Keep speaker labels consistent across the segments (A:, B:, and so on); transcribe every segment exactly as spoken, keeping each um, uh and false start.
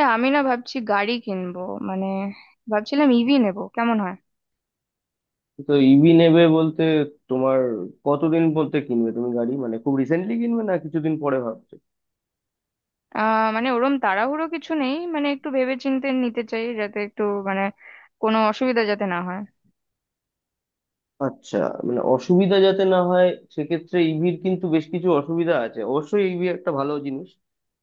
A: এ, আমি না ভাবছি গাড়ি কিনবো। মানে ভাবছিলাম ইভি নেবো কেমন হয়।
B: তো ইভি নেবে বলতে তোমার কতদিন বলতে কিনবে তুমি গাড়ি, মানে খুব রিসেন্টলি কিনবে না কিছুদিন পরে ভাবছো?
A: আহ মানে ওরম তাড়াহুড়ো কিছু নেই, মানে একটু ভেবেচিন্তে নিতে চাই যাতে একটু, মানে কোনো অসুবিধা যাতে না হয়।
B: আচ্ছা, মানে অসুবিধা যাতে না হয়, সেক্ষেত্রে ইভির কিন্তু বেশ কিছু অসুবিধা আছে। অবশ্যই ইভি একটা ভালো জিনিস,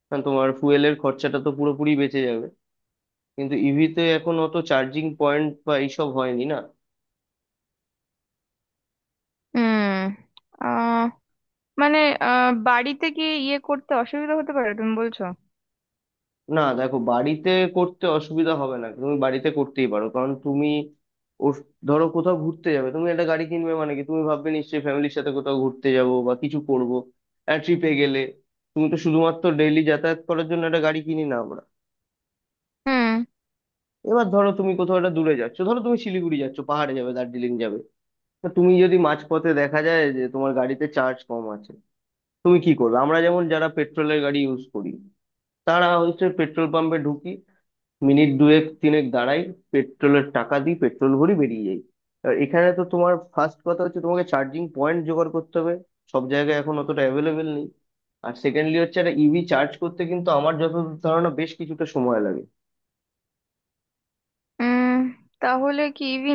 B: কারণ তোমার ফুয়েলের খরচাটা তো পুরোপুরি বেঁচে যাবে। কিন্তু ইভিতে এখন অত চার্জিং পয়েন্ট বা এইসব হয়নি না।
A: হুম। আহ মানে আহ বাড়িতে কি ইয়ে করতে অসুবিধা হতে পারে তুমি বলছো?
B: না দেখো, বাড়িতে করতে অসুবিধা হবে না, তুমি বাড়িতে করতেই পারো, কারণ তুমি ওর ধরো কোথাও ঘুরতে যাবে, তুমি একটা গাড়ি কিনবে মানে কি, তুমি ভাববে নিশ্চয়ই ফ্যামিলির সাথে কোথাও ঘুরতে যাব বা কিছু করব। ট্রিপে গেলে তুমি তো শুধুমাত্র ডেইলি যাতায়াত করার জন্য একটা গাড়ি কিনি না আমরা।
A: হুম।
B: এবার ধরো তুমি কোথাও একটা দূরে যাচ্ছ, ধরো তুমি শিলিগুড়ি যাচ্ছ, পাহাড়ে যাবে, দার্জিলিং যাবে। তো তুমি যদি মাঝপথে দেখা যায় যে তোমার গাড়িতে চার্জ কম আছে, তুমি কি করবে? আমরা যেমন যারা পেট্রোলের গাড়ি ইউজ করি, তারা হচ্ছে পেট্রোল পাম্পে ঢুকি, মিনিট দুয়েক তিনেক দাঁড়াই, পেট্রোলের টাকা দিই, পেট্রোল ভরি, বেরিয়ে যাই। আর এখানে তো তোমার ফার্স্ট কথা হচ্ছে তোমাকে চার্জিং পয়েন্ট জোগাড় করতে হবে। সব জায়গায় এখন অতটা অ্যাভেলেবেল নেই। আর সেকেন্ডলি হচ্ছে একটা ইভি চার্জ করতে কিন্তু আমার যতদূর ধারণা বেশ কিছুটা সময় লাগে।
A: উম। তাহলে কি ইভি,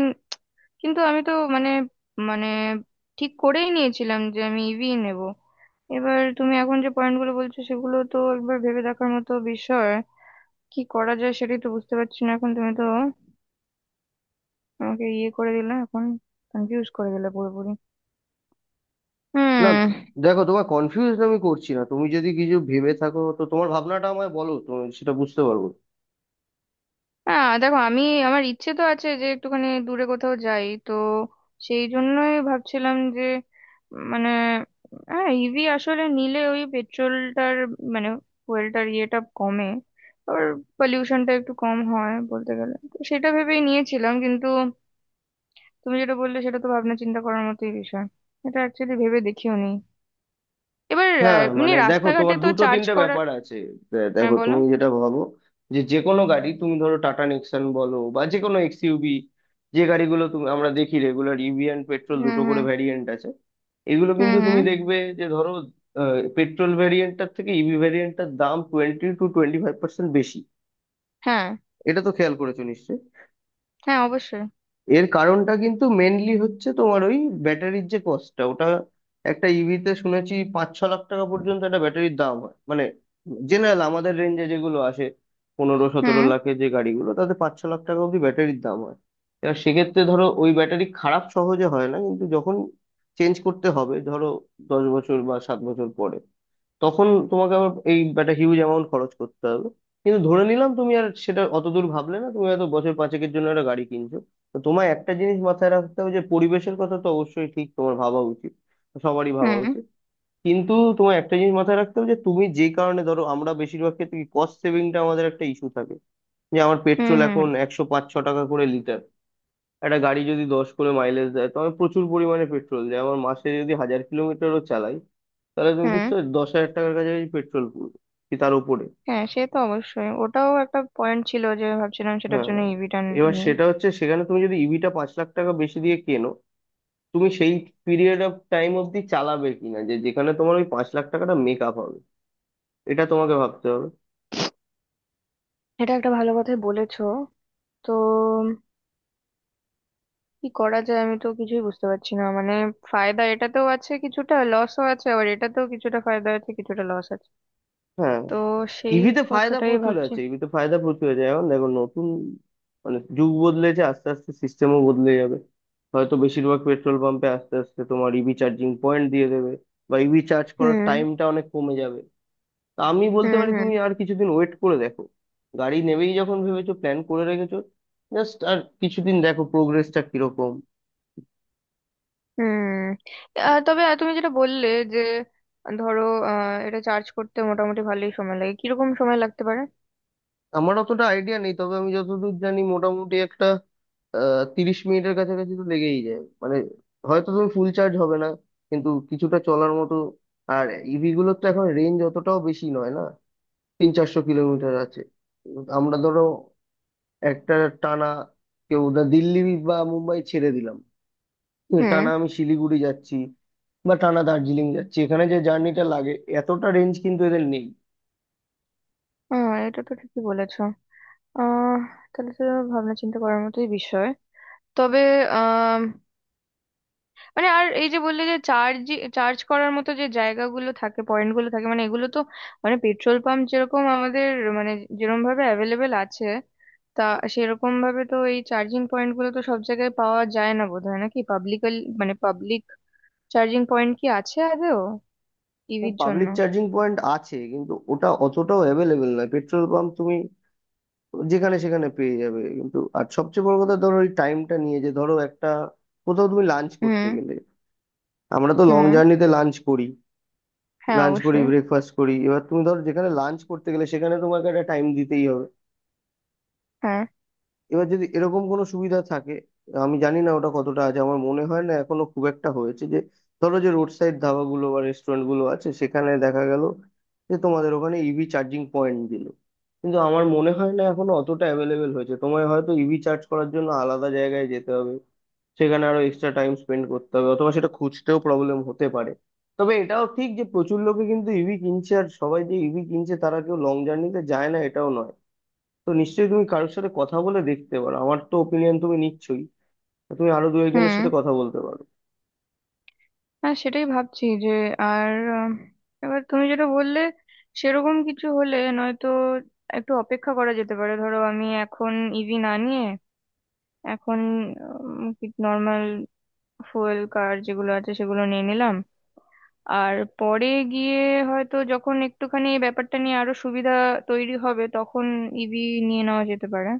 A: কিন্তু আমি তো মানে, মানে ঠিক করেই নিয়েছিলাম যে আমি ইভি নেব। এবার তুমি এখন যে পয়েন্টগুলো বলছো সেগুলো তো একবার ভেবে দেখার মতো বিষয়। কি করা যায় সেটাই তো বুঝতে পারছি না এখন, তুমি তো আমাকে ইয়ে করে দিলে এখন, কনফিউজ করে দিলে পুরোপুরি।
B: না
A: হুম।
B: দেখো, তোমার কনফিউজ আমি করছি না। তুমি যদি কিছু ভেবে থাকো তো তোমার ভাবনাটা আমায় বলো তো, সেটা বুঝতে পারবো।
A: হ্যাঁ দেখো, আমি আমার ইচ্ছে তো আছে যে একটুখানি দূরে কোথাও যাই তো। সেই জন্যই ভাবছিলাম যে মানে, হ্যাঁ ইভি আসলে নিলে ওই পেট্রোলটার মানে ফুয়েলটার ইয়েটা কমে, আর পলিউশনটা একটু কম হয় বলতে গেলে, তো সেটা ভেবেই নিয়েছিলাম। কিন্তু তুমি যেটা বললে সেটা তো ভাবনা চিন্তা করার মতোই বিষয়। এটা অ্যাকচুয়ালি ভেবে দেখিও নি। এবার আহ,
B: হ্যাঁ
A: এমনি
B: মানে দেখো,
A: রাস্তাঘাটে
B: তোমার
A: তো
B: দুটো
A: চার্জ
B: তিনটে
A: করার।
B: ব্যাপার আছে। দে-
A: হ্যাঁ
B: দেখো
A: বলো।
B: তুমি যেটা ভাবো যে যে কোনো গাড়ি, তুমি ধরো টাটা নেক্সন বলো বা যে কোনো এক্সইউভি, যে গাড়িগুলো তুমি আমরা দেখি রেগুলার, ইভি অ্যান্ড পেট্রোল
A: হুম
B: দুটো করে
A: হুম।
B: ভ্যারিয়েন্ট আছে। এগুলো
A: হুম
B: কিন্তু তুমি
A: হুম।
B: দেখবে যে ধরো পেট্রোল ভ্যারিয়েন্টটার থেকে ইভি ভ্যারিয়েন্টটার দাম twenty two twenty five percent বেশি।
A: হ্যাঁ
B: এটা তো খেয়াল করেছো নিশ্চয়ই।
A: হ্যাঁ অবশ্যই।
B: এর কারণটা কিন্তু মেনলি হচ্ছে তোমার ওই ব্যাটারির যে কস্টটা, ওটা একটা ইভিতে শুনেছি পাঁচ ছ লাখ টাকা পর্যন্ত একটা ব্যাটারির দাম হয়, মানে জেনারেল আমাদের রেঞ্জে যেগুলো আসে, পনেরো সতেরো
A: হুম
B: লাখের যে গাড়িগুলো, তাতে পাঁচ ছ লাখ টাকা অব্দি ব্যাটারির দাম হয়। এবার সেক্ষেত্রে ধরো ওই ব্যাটারি খারাপ সহজে হয় না, কিন্তু যখন চেঞ্জ করতে হবে, ধরো দশ বছর বা সাত বছর পরে, তখন তোমাকে আবার এই একটা হিউজ অ্যামাউন্ট খরচ করতে হবে। কিন্তু ধরে নিলাম তুমি আর সেটা অতদূর ভাবলে না, তুমি হয়তো বছর পাঁচেকের জন্য একটা গাড়ি কিনছো। তো তোমার একটা জিনিস মাথায় রাখতে হবে যে পরিবেশের কথা তো অবশ্যই ঠিক তোমার ভাবা উচিত, সবারই
A: হুম।
B: ভাবা
A: হুম
B: উচিত। কিন্তু তোমার একটা জিনিস মাথায় রাখতে হবে যে তুমি যে কারণে ধরো, আমরা বেশিরভাগ ক্ষেত্রে কস্ট সেভিংটা আমাদের একটা ইস্যু থাকে, যে আমার
A: হুম।
B: পেট্রোল
A: হুম
B: এখন একশো পাঁচ ছ টাকা করে লিটার। একটা গাড়ি যদি দশ করে মাইলেজ দেয়, তো আমি প্রচুর পরিমাণে পেট্রোল দেয়। আমার মাসে যদি হাজার কিলোমিটারও চালাই, তাহলে তুমি
A: হুম।
B: বুঝতে পারছো দশ হাজার টাকার কাছাকাছি পেট্রোল, পুরো কি তার উপরে।
A: হ্যাঁ সে তো অবশ্যই, ওটাও একটা পয়েন্ট ছিল যে ভাবছিলাম সেটার
B: হ্যাঁ,
A: জন্য ইভিটা
B: এবার
A: নিই।
B: সেটা হচ্ছে সেখানে তুমি যদি ইভিটা পাঁচ লাখ টাকা বেশি দিয়ে কেনো, তুমি সেই পিরিয়ড অফ টাইম অবধি চালাবে কিনা, যে যেখানে তোমার ওই পাঁচ লাখ টাকাটা মেক আপ হবে, এটা তোমাকে ভাবতে হবে।
A: এটা একটা ভালো কথাই বলেছো। তো কি করা যায়, আমি তো কিছুই বুঝতে পারছি না মানে। ফায়দা এটাতেও আছে কিছুটা, লসও আছে, আবার এটাতেও কিছুটা ফায়দা আছে কিছুটা লস আছে।
B: হ্যাঁ,
A: তো সেই
B: ইভিতে ফায়দা
A: কথাটাই
B: প্রচুর
A: ভাবছি।
B: আছে, ইভিতে ফায়দা প্রচুর আছে। এখন দেখো, নতুন মানে যুগ বদলেছে, আস্তে আস্তে সিস্টেমও বদলে যাবে। হয়তো বেশিরভাগ পেট্রোল পাম্পে আস্তে আস্তে তোমার ইভি চার্জিং পয়েন্ট দিয়ে দেবে, বা ইভি চার্জ করার
A: হুম
B: টাইমটা অনেক কমে যাবে। তা আমি বলতে
A: হুম।
B: পারি,
A: হুম
B: তুমি আর কিছুদিন ওয়েট করে দেখো। গাড়ি নেবেই যখন ভেবেছো, প্ল্যান করে রেখেছো, জাস্ট আর কিছুদিন দেখো প্রোগ্রেসটা কিরকম।
A: হুম। আহ, তবে তুমি যেটা বললে যে ধরো, আহ, এটা চার্জ করতে মোটামুটি ভালোই সময় লাগে, কিরকম সময় লাগতে পারে?
B: আমার অতটা আইডিয়া নেই, তবে আমি যতদূর জানি মোটামুটি একটা আহ তিরিশ মিনিটের কাছাকাছি তো লেগেই যায়, মানে হয়তো তুমি ফুল চার্জ হবে না, কিন্তু কিছুটা চলার মতো। আর ইভি গুলোর তো এখন রেঞ্জ অতটাও বেশি নয় না, তিন চারশো কিলোমিটার আছে। আমরা ধরো একটা টানা, কেউ না দিল্লি বা মুম্বাই ছেড়ে দিলাম,
A: হুম।
B: টানা আমি শিলিগুড়ি যাচ্ছি, বা টানা দার্জিলিং যাচ্ছি, এখানে যে জার্নিটা লাগে, এতটা রেঞ্জ কিন্তু এদের নেই।
A: আহ, এটা তো ঠিকই বলেছো। আহ তাহলে তো ভাবনা চিন্তা করার মতোই বিষয়। তবে মানে আর এই যে বললে যে চার্জ, চার্জ করার মতো যে জায়গাগুলো থাকে পয়েন্টগুলো থাকে মানে এগুলো তো মানে পেট্রোল পাম্প যেরকম আমাদের মানে যেরকম ভাবে অ্যাভেলেবেল আছে, তা সেরকম ভাবে তো এই চার্জিং পয়েন্ট গুলো তো সব জায়গায় পাওয়া যায় না বোধহয়। নাকি পাবলিক, মানে পাবলিক চার্জিং পয়েন্ট কি আছে আদৌ ইভির জন্য?
B: পাবলিক চার্জিং পয়েন্ট আছে, কিন্তু ওটা অতটাও অ্যাভেলেবেল নয়। পেট্রোল পাম্প তুমি যেখানে সেখানে পেয়ে যাবে। কিন্তু আর সবচেয়ে বড় কথা ধরো ওই টাইমটা নিয়ে, যে ধরো একটা কোথাও তুমি লাঞ্চ করতে
A: হুম
B: গেলে, আমরা তো লং
A: হুম।
B: জার্নিতে লাঞ্চ করি,
A: হ্যাঁ
B: লাঞ্চ করি
A: অবশ্যই।
B: ব্রেকফাস্ট করি, এবার তুমি ধরো যেখানে লাঞ্চ করতে গেলে সেখানে তোমাকে একটা টাইম দিতেই হবে।
A: হ্যাঁ।
B: এবার যদি এরকম কোনো সুবিধা থাকে, আমি জানি না ওটা কতটা আছে, আমার মনে হয় না এখনো খুব একটা হয়েছে, যে ধরো যে রোড সাইড ধাবাগুলো বা রেস্টুরেন্ট গুলো আছে, সেখানে দেখা গেল যে তোমাদের ওখানে ইভি চার্জিং পয়েন্ট দিল। কিন্তু আমার মনে হয় না এখনো অতটা অ্যাভেলেবেল হয়েছে, তোমায় হয়তো ইভি চার্জ করার জন্য আলাদা জায়গায় যেতে হবে, সেখানে আরো এক্সট্রা টাইম স্পেন্ড করতে হবে, অথবা সেটা খুঁজতেও প্রবলেম হতে পারে। তবে এটাও ঠিক যে প্রচুর লোকে কিন্তু ইভি কিনছে, আর সবাই যে ইভি কিনছে তারা কেউ লং জার্নিতে যায় না, এটাও নয়। তো নিশ্চয়ই তুমি কারোর সাথে কথা বলে দেখতে পারো। আমার তো ওপিনিয়ন তুমি নিচ্ছই, তো তুমি আরো দু একজনের
A: হুম।
B: সাথে কথা বলতে পারো।
A: হ্যাঁ সেটাই ভাবছি যে, আর উম, এবার তুমি যেটা বললে সেরকম কিছু হলে নয়তো একটু অপেক্ষা করা যেতে পারে। ধরো আমি এখন ইভি না নিয়ে এখন নর্মাল ফুয়েল কার যেগুলো আছে সেগুলো নিয়ে নিলাম, আর পরে গিয়ে হয়তো যখন একটুখানি এই ব্যাপারটা নিয়ে আরো সুবিধা তৈরি হবে তখন ইভি নিয়ে নেওয়া যেতে পারে।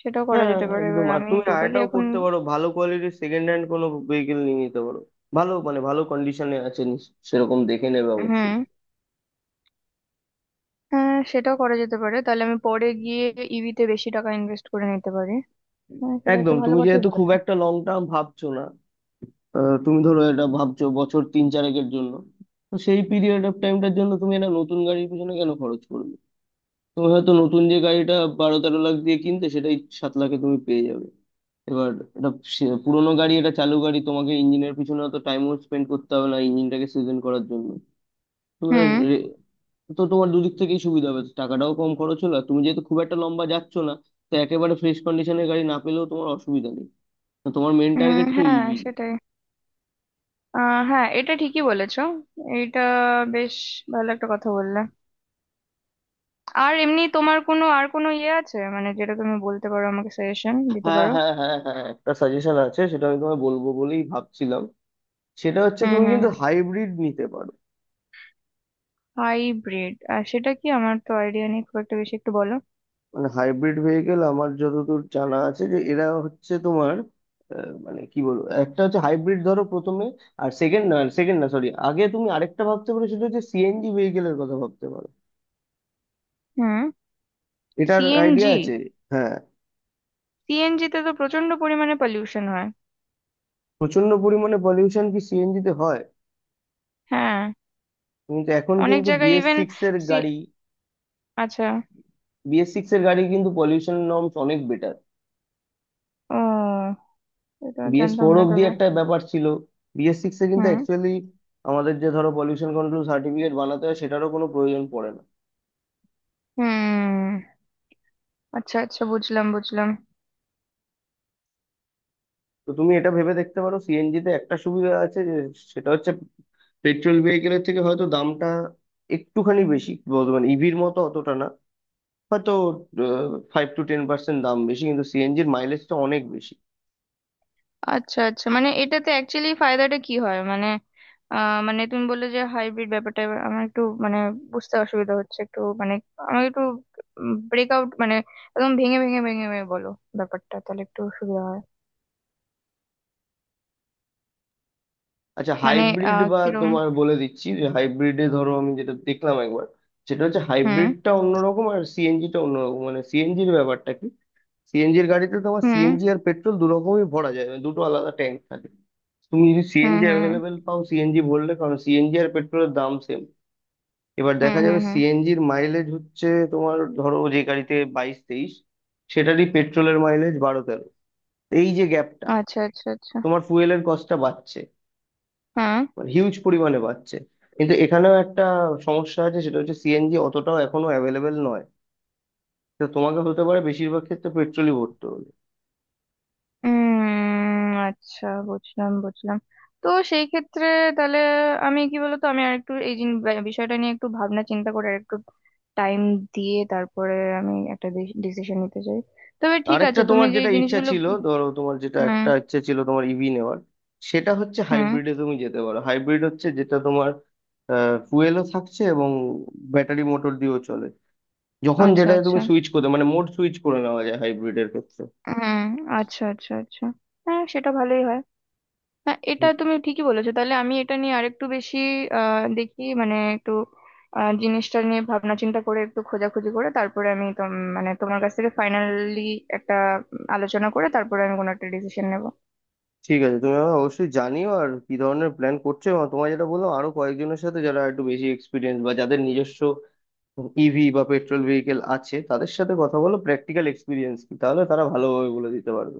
A: সেটাও করা
B: হ্যাঁ
A: যেতে পারে
B: একদম।
A: এবার,
B: আর
A: আমি
B: তুমি
A: টোটালি
B: আরেকটাও
A: এখন।
B: করতে পারো, ভালো কোয়ালিটির সেকেন্ড হ্যান্ড কোনো ভেহিকেল নিয়ে নিতে পারো। ভালো মানে ভালো কন্ডিশনে আছে, নিশ্চ- সেরকম দেখে নেবে
A: হুম।
B: অবশ্যই।
A: হ্যাঁ সেটাও করা যেতে পারে, তাহলে আমি পরে গিয়ে ইভিতে বেশি টাকা ইনভেস্ট করে নিতে পারি। হ্যাঁ সেটা একটা
B: একদম,
A: ভালো
B: তুমি
A: কথাই
B: যেহেতু খুব
A: বলেছো।
B: একটা লং টার্ম ভাবছো না, আহ, তুমি ধরো এটা ভাবছো বছর তিন চারেকের জন্য, তো সেই পিরিয়ড অফ টাইমটার জন্য তুমি একটা নতুন গাড়ির পিছনে কেন খরচ করবে? তুমি হয়তো নতুন যে গাড়িটা বারো তেরো লাখ দিয়ে কিনতে, সেটাই সাত লাখে তুমি পেয়ে যাবে। এবার এটা সে- পুরোনো গাড়ি, এটা চালু গাড়ি, তোমাকে ইঞ্জিনের পিছনে অত টাইমও স্পেন্ড করতে হবে না ইঞ্জিনটাকে সিজন করার জন্য। তো এবার
A: হুম।
B: রে- তো তোমার দুদিক থেকেই সুবিধা হবে, টাকাটাও কম খরচ হলো, আর তুমি যেহেতু খুব একটা লম্বা যাচ্ছ না, তো একেবারে ফ্রেশ কন্ডিশনের গাড়ি না পেলেও তোমার অসুবিধা নেই। তো তোমার মেন
A: উম,
B: টার্গেট তো
A: হ্যাঁ
B: ইভি।
A: সেটাই। আহ হ্যাঁ এটা ঠিকই বলেছো। এটা বেশ ভালো একটা কথা বললে। আর এমনি তোমার কোনো আর কোনো ইয়ে আছে মানে, যেটা তুমি বলতে পারো আমাকে, সাজেশন দিতে
B: হ্যাঁ
A: পারো?
B: হ্যাঁ হ্যাঁ হ্যাঁ, একটা সাজেশন আছে, সেটা আমি তোমায় বলবো বলেই ভাবছিলাম। সেটা হচ্ছে
A: হুম
B: তুমি
A: হুম।
B: কিন্তু হাইব্রিড নিতে পারো।
A: হাইব্রিড? আর সেটা কি? আমার তো আইডিয়া নেই খুব একটা বেশি, একটু বলো।
B: মানে হাইব্রিড ভেহিকেল, আমার যতদূর জানা আছে যে এরা হচ্ছে তোমার আহ, মানে কি বলবো, একটা হচ্ছে হাইব্রিড ধরো প্রথমে, আর সেকেন্ড না সেকেন্ড না সরি, আগে তুমি আরেকটা ভাবতে পারো, সেটা হচ্ছে সিএনজি ভেহিকেলের কথা ভাবতে পারো।
A: হুম।
B: এটার আইডিয়া
A: সিএনজি?
B: আছে? হ্যাঁ,
A: সিএনজি তে তো প্রচন্ড পরিমাণে পলিউশন হয়।
B: প্রচন্ড পরিমাণে পলিউশন কি সিএনজি তে হয়?
A: হ্যাঁ।
B: কিন্তু এখন
A: অনেক
B: কিন্তু
A: জায়গায়
B: বিএস
A: ইভেন
B: সিক্স এর
A: সি
B: গাড়ি
A: আচ্ছা।
B: বিএস সিক্স এর গাড়ি কিন্তু পলিউশন নর্মস অনেক বেটার।
A: ও, এটা
B: বিএস
A: জানতাম
B: ফোর
A: না
B: অব্দি
A: তবে।
B: একটা ব্যাপার ছিল, বিএস সিক্স এ কিন্তু
A: হুম
B: অ্যাকচুয়ালি আমাদের যে ধরো পলিউশন কন্ট্রোল সার্টিফিকেট বানাতে হয়, সেটারও কোনো প্রয়োজন পড়ে না।
A: হুম। আচ্ছা আচ্ছা বুঝলাম বুঝলাম।
B: তো তুমি এটা ভেবে দেখতে পারো, সিএনজি তে একটা সুবিধা আছে, যে সেটা হচ্ছে পেট্রোল ভেহিকেলের থেকে হয়তো দামটা একটুখানি বেশি বলতে, মানে ইভির মতো অতটা না, হয়তো ফাইভ টু টেন পার্সেন্ট দাম বেশি, কিন্তু সিএনজির মাইলেজটা অনেক বেশি।
A: আচ্ছা আচ্ছা মানে এটাতে অ্যাকচুয়ালি ফায়দাটা কি হয় মানে? আহ মানে তুমি বললে যে হাইব্রিড ব্যাপারটা, এবার আমার একটু মানে বুঝতে অসুবিধা হচ্ছে একটু, মানে আমাকে একটু ব্রেকআউট মানে একদম ভেঙে ভেঙে ভেঙে ভেঙে বলো, ব্যাপারটা তাহলে একটু সুবিধা হয়।
B: আচ্ছা,
A: মানে
B: হাইব্রিড,
A: আহ
B: বা
A: কিরম?
B: তোমার বলে দিচ্ছি যে হাইব্রিডে ধরো, আমি যেটা দেখলাম একবার, সেটা হচ্ছে
A: হুম
B: হাইব্রিডটা অন্যরকম আর সিএনজিটা অন্যরকম। মানে সিএনজির ব্যাপারটা কি, সিএনজির গাড়িতে তোমার
A: হুম।
B: সিএনজি আর পেট্রোল দু রকমই ভরা যায়, মানে দুটো আলাদা ট্যাঙ্ক থাকে। তুমি যদি
A: হুম
B: সিএনজি
A: হুম।
B: অ্যাভেলেবেল পাও সিএনজি ভরলে, কারণ সিএনজি আর পেট্রোলের দাম সেম। এবার
A: হুম
B: দেখা
A: হুম।
B: যাবে
A: হুম।
B: সিএনজির মাইলেজ হচ্ছে তোমার ধরো যে গাড়িতে বাইশ তেইশ, সেটারই পেট্রোলের মাইলেজ বারো তেরো। এই যে গ্যাপটা,
A: আচ্ছা আচ্ছা আচ্ছা।
B: তোমার ফুয়েলের কস্টটা বাড়ছে,
A: হ্যাঁ।
B: মানে হিউজ পরিমাণে বাড়ছে। কিন্তু এখানেও একটা সমস্যা আছে, সেটা হচ্ছে সিএনজি অতটাও এখনো অ্যাভেলেবেল নয়, তো তোমাকে হতে পারে বেশিরভাগ ক্ষেত্রে পেট্রোলই ভরতে হবে।
A: উম। আচ্ছা বুঝলাম বুঝলাম। তো সেই ক্ষেত্রে তাহলে আমি কি বলতো, আমি আর একটু এই জিন- বা- বিষয়টা নিয়ে একটু ভাবনা চিন্তা করে আর একটু টাইম দিয়ে তারপরে আমি একটা ডিসিশন নিতে চাই। তবে ঠিক
B: আরেকটা
A: আছে, তুমি
B: তোমার
A: যে
B: যেটা
A: এই
B: ইচ্ছা
A: জিনিসগুলো।
B: ছিল ধরো, তোমার যেটা
A: হুম
B: একটা ইচ্ছা ছিল তোমার ইভি নেওয়ার, সেটা হচ্ছে
A: হুম।
B: হাইব্রিডে তুমি যেতে পারো। হাইব্রিড হচ্ছে যেটা তোমার ফুয়েলও থাকছে এবং ব্যাটারি মোটর দিয়েও চলে। যখন
A: আচ্ছা
B: যেটা তুমি
A: আচ্ছা।
B: সুইচ করতে, মানে মোড সুইচ করে নেওয়া যায় হাইব্রিডের ক্ষেত্রে।
A: হুম। আচ্ছা আচ্ছা আচ্ছা। হ্যাঁ সেটা ভালোই হয়। হ্যাঁ এটা তুমি ঠিকই বলেছো, তাহলে আমি এটা নিয়ে আরেকটু বেশি আহ দেখি মানে একটু, আহ, জিনিসটা নিয়ে ভাবনা চিন্তা করে একটু খোঁজাখুঁজি করে তারপরে আমি তোম- মানে তোমার কাছ থেকে ফাইনালি একটা উম, আলোচনা করে তারপরে আমি কোনো একটা ডিসিশন নেব।
B: ঠিক আছে, তুমি আমাকে অবশ্যই জানিও আর কি ধরনের প্ল্যান করছো। এবং তোমার যেটা বললাম আরো কয়েকজনের সাথে যারা একটু বেশি এক্সপিরিয়েন্স বা যাদের নিজস্ব ইভি বা পেট্রোল ভেহিকেল আছে তাদের সাথে কথা বলো, প্র্যাকটিক্যাল এক্সপিরিয়েন্স কি, তাহলে তারা ভালোভাবে বলে দিতে পারবে।